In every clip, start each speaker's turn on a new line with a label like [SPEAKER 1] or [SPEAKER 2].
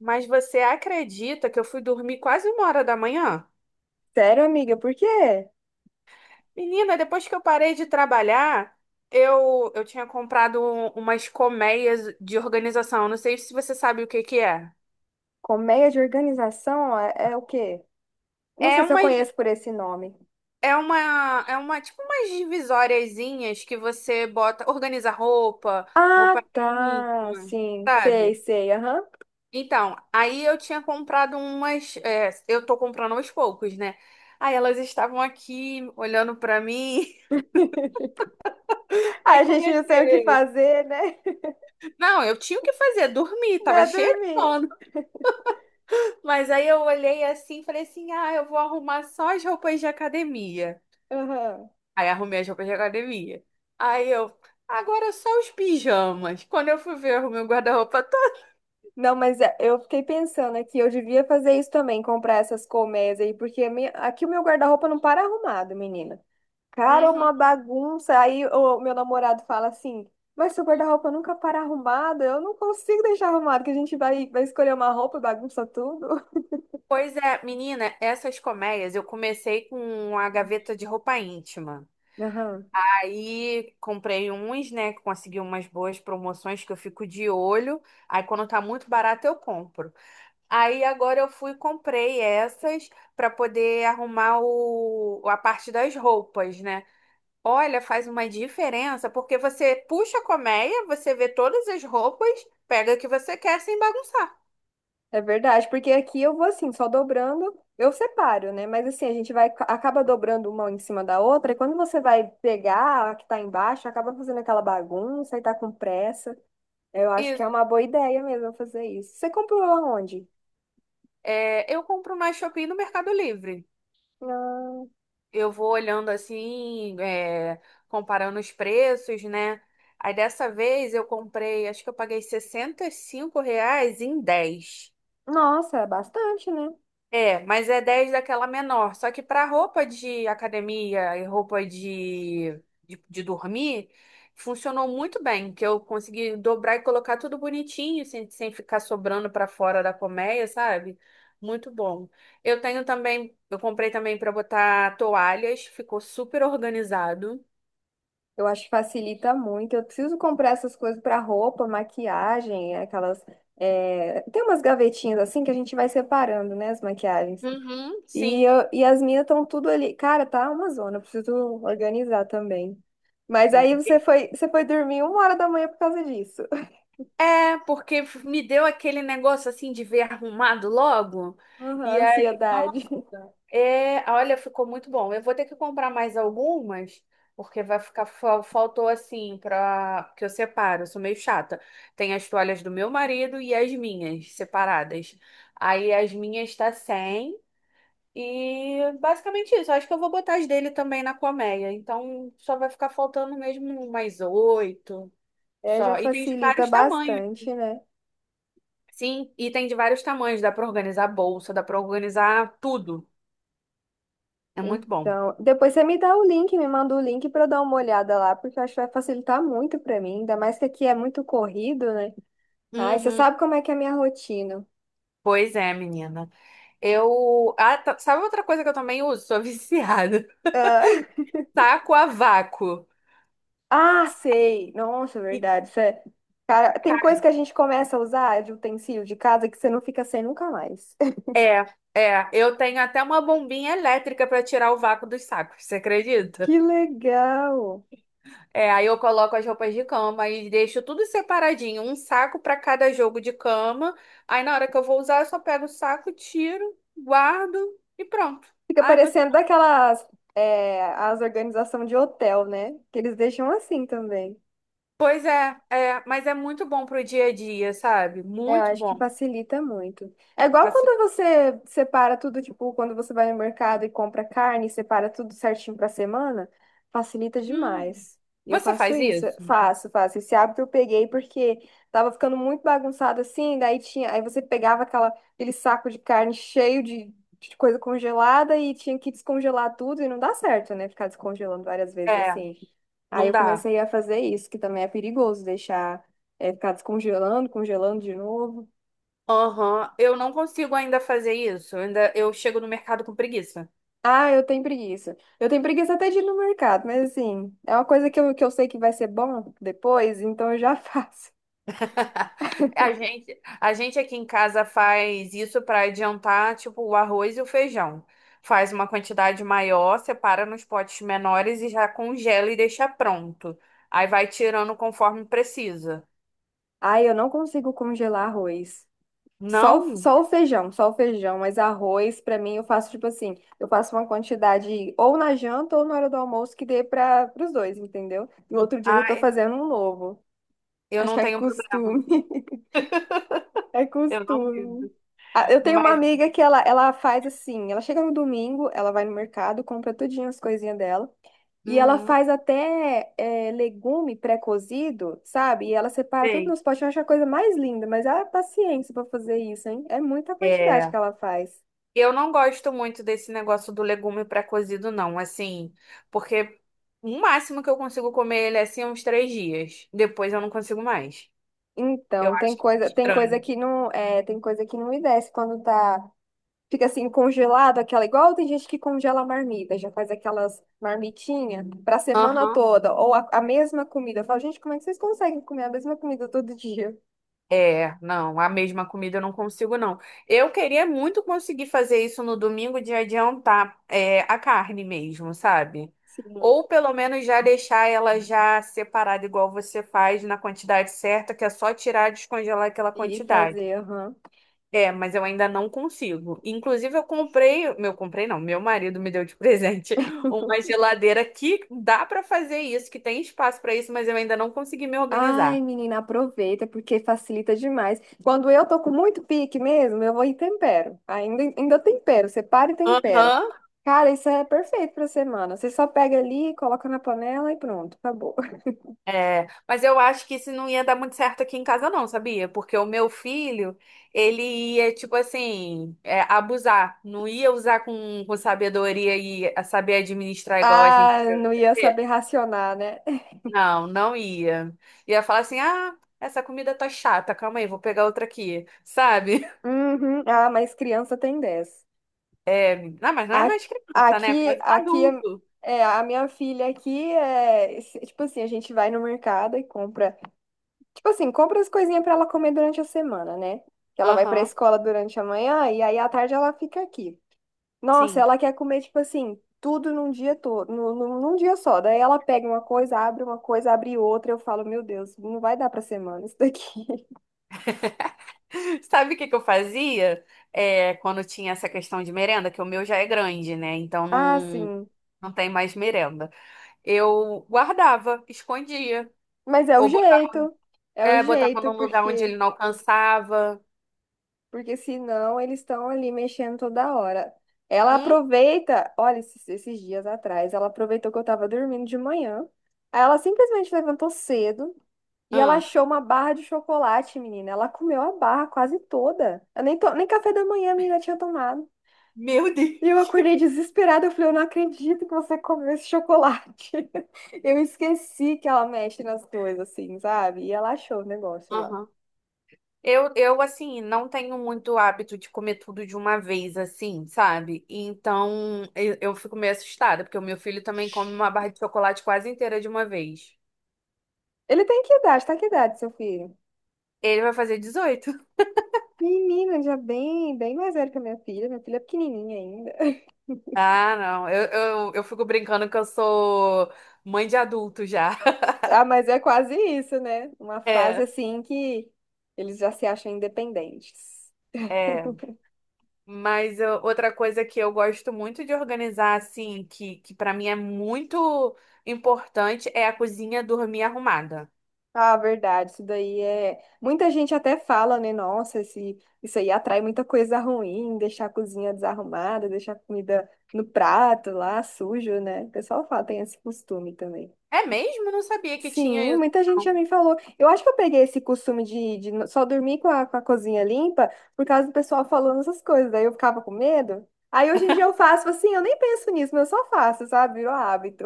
[SPEAKER 1] Mas você acredita que eu fui dormir quase uma hora da manhã?
[SPEAKER 2] Sério, amiga, por quê?
[SPEAKER 1] Menina, depois que eu parei de trabalhar, eu tinha comprado umas colmeias de organização. Não sei se você sabe o que que é.
[SPEAKER 2] Colmeia de organização é o quê? Não
[SPEAKER 1] É
[SPEAKER 2] sei se eu
[SPEAKER 1] uma
[SPEAKER 2] conheço por esse nome.
[SPEAKER 1] é uma, é uma, tipo umas divisóriazinhas que você bota, organiza roupa,
[SPEAKER 2] Ah,
[SPEAKER 1] roupa
[SPEAKER 2] tá.
[SPEAKER 1] íntima,
[SPEAKER 2] Sim, sei,
[SPEAKER 1] sabe?
[SPEAKER 2] sei. Aham.
[SPEAKER 1] Então, aí eu tinha comprado umas, eu tô comprando aos poucos, né? Aí elas estavam aqui olhando pra mim. Aí
[SPEAKER 2] A gente não sabe o que
[SPEAKER 1] comecei.
[SPEAKER 2] fazer, né?
[SPEAKER 1] Não, eu tinha o que fazer, dormir, tava
[SPEAKER 2] Dá
[SPEAKER 1] cheia de
[SPEAKER 2] dormir.
[SPEAKER 1] sono. Mas aí eu olhei assim, e falei assim: ah, eu vou arrumar só as roupas de academia.
[SPEAKER 2] Aham.
[SPEAKER 1] Aí arrumei as roupas de academia. Aí eu, agora só os pijamas. Quando eu fui ver, eu arrumei o guarda-roupa todo.
[SPEAKER 2] Não, mas é, eu fiquei pensando aqui, eu devia fazer isso também, comprar essas colmeias aí, porque a minha- aqui o meu guarda-roupa não para arrumado, menina. Cara, é uma
[SPEAKER 1] Uhum.
[SPEAKER 2] bagunça. Aí o meu namorado fala assim: mas seu guarda-roupa nunca para arrumado. Eu não consigo deixar arrumado, que a gente vai escolher uma roupa e bagunça tudo.
[SPEAKER 1] Pois é, menina, essas colmeias eu comecei com a gaveta de roupa íntima.
[SPEAKER 2] Aham.
[SPEAKER 1] Aí comprei uns, né? Consegui umas boas promoções que eu fico de olho. Aí quando tá muito barato, eu compro. Aí agora eu fui e comprei essas para poder arrumar a parte das roupas, né? Olha, faz uma diferença, porque você puxa a colmeia, você vê todas as roupas, pega o que você quer sem bagunçar.
[SPEAKER 2] É verdade, porque aqui eu vou assim, só dobrando, eu separo, né? Mas assim, a gente vai, acaba dobrando uma em cima da outra, e quando você vai pegar a que tá embaixo, acaba fazendo aquela bagunça e tá com pressa. Eu acho que é
[SPEAKER 1] Isso.
[SPEAKER 2] uma boa ideia mesmo fazer isso. Você comprou aonde?
[SPEAKER 1] É, eu compro na Shopee e no Mercado Livre.
[SPEAKER 2] Ah,
[SPEAKER 1] Eu vou olhando assim, comparando os preços, né? Aí dessa vez eu comprei, acho que eu paguei 65 reais em 10.
[SPEAKER 2] nossa, é bastante, né?
[SPEAKER 1] É, mas é 10 daquela menor. Só que para roupa de academia e roupa de dormir, funcionou muito bem, que eu consegui dobrar e colocar tudo bonitinho, sem ficar sobrando para fora da colmeia, sabe? Muito bom. Eu tenho também, eu comprei também para botar toalhas, ficou super organizado.
[SPEAKER 2] Eu acho que facilita muito. Eu preciso comprar essas coisas para roupa, maquiagem, aquelas. Tem umas gavetinhas assim que a gente vai separando, né, as maquiagens.
[SPEAKER 1] Uhum, sim.
[SPEAKER 2] E as minhas estão tudo ali. Cara, tá uma zona, eu preciso organizar também. Mas
[SPEAKER 1] É.
[SPEAKER 2] aí você foi dormir uma hora da manhã por causa disso.
[SPEAKER 1] É, porque me deu aquele negócio assim de ver arrumado logo.
[SPEAKER 2] Aham,
[SPEAKER 1] E aí,
[SPEAKER 2] ansiedade.
[SPEAKER 1] nossa, olha, ficou muito bom. Eu vou ter que comprar mais algumas, porque vai ficar, faltou assim para que eu separo, eu sou meio chata. Tem as toalhas do meu marido e as minhas separadas. Aí as minhas tá sem e basicamente isso. Acho que eu vou botar as dele também na colmeia. Então só vai ficar faltando mesmo mais oito.
[SPEAKER 2] É, já
[SPEAKER 1] Só. E tem de
[SPEAKER 2] facilita
[SPEAKER 1] vários tamanhos.
[SPEAKER 2] bastante, né?
[SPEAKER 1] Sim, e tem de vários tamanhos. Dá pra organizar bolsa, dá pra organizar tudo. É muito bom.
[SPEAKER 2] Então, depois você me dá o link, me manda o link para eu dar uma olhada lá, porque eu acho que vai facilitar muito para mim, ainda mais que aqui é muito corrido, né? Ai, você
[SPEAKER 1] Uhum.
[SPEAKER 2] sabe como é que é a minha rotina.
[SPEAKER 1] Pois é, menina. Eu. Ah, sabe outra coisa que eu também uso? Sou viciada.
[SPEAKER 2] Ah,
[SPEAKER 1] Taco a vácuo.
[SPEAKER 2] ah, sei. Nossa,
[SPEAKER 1] E,
[SPEAKER 2] verdade. Isso é- Cara, tem
[SPEAKER 1] ca-
[SPEAKER 2] coisa que a gente começa a usar de utensílio de casa que você não fica sem nunca mais.
[SPEAKER 1] É, é. Eu tenho até uma bombinha elétrica pra tirar o vácuo dos sacos, você acredita?
[SPEAKER 2] Que legal!
[SPEAKER 1] É, aí eu coloco as roupas de cama e deixo tudo separadinho, um saco pra cada jogo de cama. Aí na hora que eu vou usar, eu só pego o saco, tiro, guardo e pronto.
[SPEAKER 2] Fica
[SPEAKER 1] Ai,
[SPEAKER 2] parecendo daquelas, é, as organizações de hotel, né? Que eles deixam assim também.
[SPEAKER 1] pois é, é, mas é muito bom pro dia a dia, sabe?
[SPEAKER 2] É, eu
[SPEAKER 1] Muito
[SPEAKER 2] acho que
[SPEAKER 1] bom.
[SPEAKER 2] facilita muito. É igual
[SPEAKER 1] Assim,
[SPEAKER 2] quando você separa tudo, tipo, quando você vai no mercado e compra carne, separa tudo certinho pra semana, facilita
[SPEAKER 1] hum,
[SPEAKER 2] demais. E eu
[SPEAKER 1] você
[SPEAKER 2] faço
[SPEAKER 1] faz
[SPEAKER 2] isso,
[SPEAKER 1] isso?
[SPEAKER 2] faço, faço. Esse hábito eu peguei porque tava ficando muito bagunçado assim, daí tinha, aí você pegava aquela, aquele saco de carne cheio de coisa congelada e tinha que descongelar tudo e não dá certo, né? Ficar descongelando várias vezes
[SPEAKER 1] É,
[SPEAKER 2] assim. Aí
[SPEAKER 1] não
[SPEAKER 2] eu
[SPEAKER 1] dá.
[SPEAKER 2] comecei a fazer isso, que também é perigoso deixar é ficar descongelando, congelando de novo.
[SPEAKER 1] Aham, eu não consigo ainda fazer isso. Ainda eu chego no mercado com preguiça.
[SPEAKER 2] Ah, eu tenho preguiça. Eu tenho preguiça até de ir no mercado, mas assim, é uma coisa que eu sei que vai ser bom depois, então eu já faço.
[SPEAKER 1] A gente aqui em casa faz isso para adiantar, tipo, o arroz e o feijão. Faz uma quantidade maior, separa nos potes menores e já congela e deixa pronto. Aí vai tirando conforme precisa.
[SPEAKER 2] Ah, eu não consigo congelar arroz. Só, o-
[SPEAKER 1] Não,
[SPEAKER 2] só o feijão, mas arroz, pra mim, eu faço tipo assim, eu faço uma quantidade ou na janta ou na hora do almoço que dê para os dois, entendeu? No outro dia eu já tô
[SPEAKER 1] ah,
[SPEAKER 2] fazendo um novo.
[SPEAKER 1] eu
[SPEAKER 2] Acho
[SPEAKER 1] não
[SPEAKER 2] que é
[SPEAKER 1] tenho problema.
[SPEAKER 2] costume. É
[SPEAKER 1] Eu não vivo.
[SPEAKER 2] costume. Ah, eu tenho uma
[SPEAKER 1] Mas,
[SPEAKER 2] amiga que ela faz assim, ela chega no domingo, ela vai no mercado, compra tudinho as coisinhas dela, e ela
[SPEAKER 1] uhum,
[SPEAKER 2] faz até é, legume pré-cozido, sabe? E ela separa tudo
[SPEAKER 1] sei.
[SPEAKER 2] nos potes, eu acho a coisa mais linda, mas ela é paciência pra fazer isso, hein? É muita quantidade
[SPEAKER 1] É,
[SPEAKER 2] que ela faz.
[SPEAKER 1] eu não gosto muito desse negócio do legume pré-cozido, não, assim, porque o máximo que eu consigo comer ele é assim uns 3 dias. Depois eu não consigo mais. Eu
[SPEAKER 2] Então,
[SPEAKER 1] acho que é
[SPEAKER 2] tem coisa
[SPEAKER 1] estranho.
[SPEAKER 2] que não, é, tem coisa que não me desce quando tá fica assim congelado, aquela igual tem gente que congela a marmita, já faz aquelas marmitinhas para semana
[SPEAKER 1] Aham.
[SPEAKER 2] toda, ou a mesma comida. Eu falo, gente, como é que vocês conseguem comer a mesma comida todo dia?
[SPEAKER 1] É, não, a mesma comida eu não consigo, não. Eu queria muito conseguir fazer isso no domingo de adiantar a carne mesmo, sabe?
[SPEAKER 2] Sim.
[SPEAKER 1] Ou pelo menos já deixar ela já separada, igual você faz, na quantidade certa, que é só tirar e descongelar aquela
[SPEAKER 2] E
[SPEAKER 1] quantidade.
[SPEAKER 2] fazer, aham.
[SPEAKER 1] É, mas eu ainda não consigo. Inclusive, eu comprei, comprei não, meu marido me deu de presente uma geladeira que dá pra fazer isso, que tem espaço pra isso, mas eu ainda não consegui me
[SPEAKER 2] Ai,
[SPEAKER 1] organizar.
[SPEAKER 2] menina, aproveita, porque facilita demais. Quando eu tô com muito pique mesmo, eu vou e tempero. Ainda, ainda tempero, separa e tempera.
[SPEAKER 1] Aham,
[SPEAKER 2] Cara, isso é perfeito pra semana. Você só pega ali, coloca na panela e pronto, acabou.
[SPEAKER 1] é, mas eu acho que isso não ia dar muito certo aqui em casa, não, sabia? Porque o meu filho, ele ia, tipo assim, abusar. Não ia usar com sabedoria e a saber administrar igual a gente.
[SPEAKER 2] Ah, não ia saber racionar, né?
[SPEAKER 1] Não, não ia. Ia falar assim: ah, essa comida tá chata, calma aí, vou pegar outra aqui, sabe?
[SPEAKER 2] Uhum. Ah, mas criança tem 10
[SPEAKER 1] Não, mas não é
[SPEAKER 2] A-
[SPEAKER 1] mais criança, né? É
[SPEAKER 2] Aqui,
[SPEAKER 1] quase um
[SPEAKER 2] aqui é,
[SPEAKER 1] adulto.
[SPEAKER 2] é, a minha filha aqui é se- tipo assim, a gente vai no mercado e compra, tipo assim, compra as coisinhas pra ela comer durante a semana, né? Que ela vai pra
[SPEAKER 1] Aham,
[SPEAKER 2] escola durante a manhã e aí à tarde ela fica aqui. Nossa,
[SPEAKER 1] sim.
[SPEAKER 2] ela quer comer tipo assim, tudo num dia todo, num, num dia só. Daí ela pega uma coisa, abre outra, eu falo, meu Deus, não vai dar pra semana isso daqui.
[SPEAKER 1] Sabe o que que eu fazia? É, quando tinha essa questão de merenda, que o meu já é grande, né? Então
[SPEAKER 2] Ah,
[SPEAKER 1] não.
[SPEAKER 2] sim.
[SPEAKER 1] Não tem mais merenda. Eu guardava, escondia.
[SPEAKER 2] Mas é o
[SPEAKER 1] Ou botava,
[SPEAKER 2] jeito. É o
[SPEAKER 1] botava
[SPEAKER 2] jeito,
[SPEAKER 1] num lugar onde ele
[SPEAKER 2] porque
[SPEAKER 1] não alcançava.
[SPEAKER 2] porque senão eles estão ali mexendo toda hora. Ela
[SPEAKER 1] Hum?
[SPEAKER 2] aproveita, olha, esses, esses dias atrás, ela aproveitou que eu tava dormindo de manhã. Aí ela simplesmente levantou cedo e ela
[SPEAKER 1] Hum.
[SPEAKER 2] achou uma barra de chocolate, menina. Ela comeu a barra quase toda. Eu nem, to- nem café da manhã a menina tinha tomado.
[SPEAKER 1] Meu
[SPEAKER 2] E eu
[SPEAKER 1] Deus.
[SPEAKER 2] acordei desesperada. Eu falei, eu não acredito que você comeu esse chocolate. Eu esqueci que ela mexe nas coisas, assim, sabe? E ela achou o negócio lá.
[SPEAKER 1] Aham. Assim, não tenho muito hábito de comer tudo de uma vez, assim, sabe? Então, eu fico meio assustada, porque o meu filho também come uma barra de chocolate quase inteira de uma vez.
[SPEAKER 2] Ele tem que idade? Tá que idade, seu filho?
[SPEAKER 1] Ele vai fazer 18?
[SPEAKER 2] Menina, já bem, bem mais velha que a minha filha. Minha filha é pequenininha ainda.
[SPEAKER 1] Ah, não. Eu fico brincando que eu sou mãe de adulto já.
[SPEAKER 2] Ah, mas é quase isso, né? Uma fase
[SPEAKER 1] É,
[SPEAKER 2] assim que eles já se acham independentes.
[SPEAKER 1] é. Mas outra coisa que eu gosto muito de organizar, assim, que para mim é muito importante, é a cozinha dormir arrumada.
[SPEAKER 2] Ah, verdade, isso daí é. Muita gente até fala, né? Nossa, esse... isso aí atrai muita coisa ruim, deixar a cozinha desarrumada, deixar a comida no prato lá, sujo, né? O pessoal fala, tem esse costume também.
[SPEAKER 1] É mesmo? Não sabia que tinha
[SPEAKER 2] Sim,
[SPEAKER 1] isso.
[SPEAKER 2] muita gente já
[SPEAKER 1] Não.
[SPEAKER 2] me falou. Eu acho que eu peguei esse costume de no- só dormir com a cozinha limpa por causa do pessoal falando essas coisas. Daí eu ficava com medo. Aí hoje em dia eu faço assim, eu nem penso nisso, mas eu só faço, sabe? Virou hábito.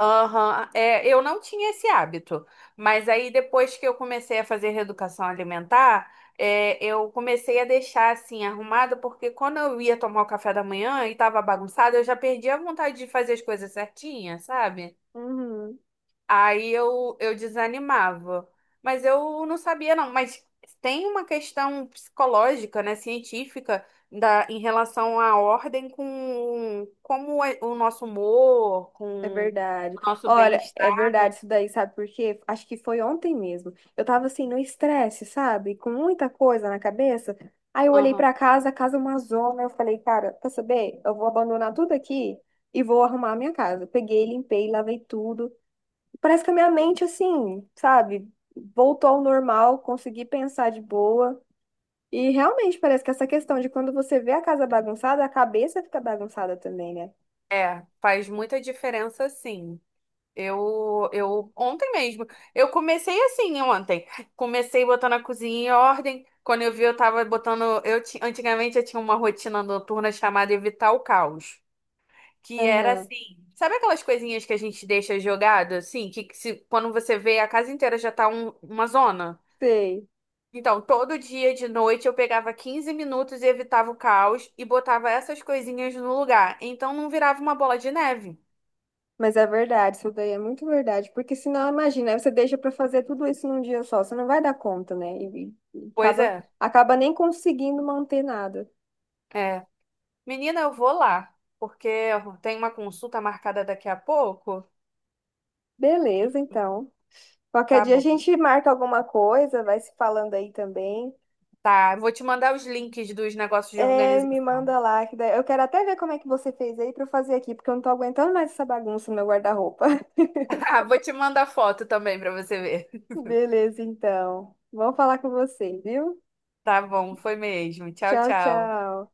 [SPEAKER 1] Aham, eu não tinha esse hábito, mas aí depois que eu comecei a fazer reeducação alimentar, eu comecei a deixar assim arrumada, porque quando eu ia tomar o café da manhã e tava bagunçado, eu já perdi a vontade de fazer as coisas certinhas, sabe?
[SPEAKER 2] Uhum,
[SPEAKER 1] Aí eu desanimava. Mas eu não sabia, não. Mas tem uma questão psicológica, né, científica, da, em relação à ordem com como é o nosso humor,
[SPEAKER 2] é
[SPEAKER 1] com
[SPEAKER 2] verdade.
[SPEAKER 1] o nosso
[SPEAKER 2] Olha, é
[SPEAKER 1] bem-estar, né?
[SPEAKER 2] verdade isso daí, sabe por quê? Acho que foi ontem mesmo. Eu tava assim no estresse, sabe? Com muita coisa na cabeça. Aí eu olhei
[SPEAKER 1] Aham.
[SPEAKER 2] pra casa, a casa é uma zona. Eu falei, cara, quer saber? Eu vou abandonar tudo aqui e vou arrumar a minha casa. Peguei, limpei, lavei tudo. Parece que a minha mente, assim, sabe, voltou ao normal, consegui pensar de boa. E realmente parece que essa questão de quando você vê a casa bagunçada, a cabeça fica bagunçada também, né?
[SPEAKER 1] É, faz muita diferença, sim. Ontem mesmo, eu comecei assim ontem. Comecei botando a cozinha em ordem. Quando eu vi, eu tava botando. Antigamente eu tinha uma rotina noturna chamada Evitar o Caos. Que era
[SPEAKER 2] Aham.
[SPEAKER 1] assim. Sabe aquelas coisinhas que a gente deixa jogada, assim? Que se, quando você vê, a casa inteira já tá uma zona.
[SPEAKER 2] Sei.
[SPEAKER 1] Então, todo dia de noite eu pegava 15 minutos e evitava o caos e botava essas coisinhas no lugar. Então não virava uma bola de neve.
[SPEAKER 2] Mas é verdade, isso daí é muito verdade. Porque senão, imagina, aí você deixa pra fazer tudo isso num dia só, você não vai dar conta, né? E
[SPEAKER 1] Pois
[SPEAKER 2] acaba,
[SPEAKER 1] é,
[SPEAKER 2] acaba nem conseguindo manter nada.
[SPEAKER 1] é. Menina, eu vou lá, porque eu tenho uma consulta marcada daqui a pouco. E
[SPEAKER 2] Beleza, então. Qualquer
[SPEAKER 1] tá
[SPEAKER 2] dia a
[SPEAKER 1] bom.
[SPEAKER 2] gente marca alguma coisa, vai se falando aí também.
[SPEAKER 1] Tá, vou te mandar os links dos negócios de
[SPEAKER 2] É, me
[SPEAKER 1] organização.
[SPEAKER 2] manda lá, que daí- eu quero até ver como é que você fez aí pra eu fazer aqui, porque eu não tô aguentando mais essa bagunça no meu guarda-roupa.
[SPEAKER 1] Vou te mandar foto também pra você ver.
[SPEAKER 2] Beleza, então. Vamos falar com você, viu?
[SPEAKER 1] Tá bom, foi mesmo. Tchau,
[SPEAKER 2] Tchau,
[SPEAKER 1] tchau.
[SPEAKER 2] tchau.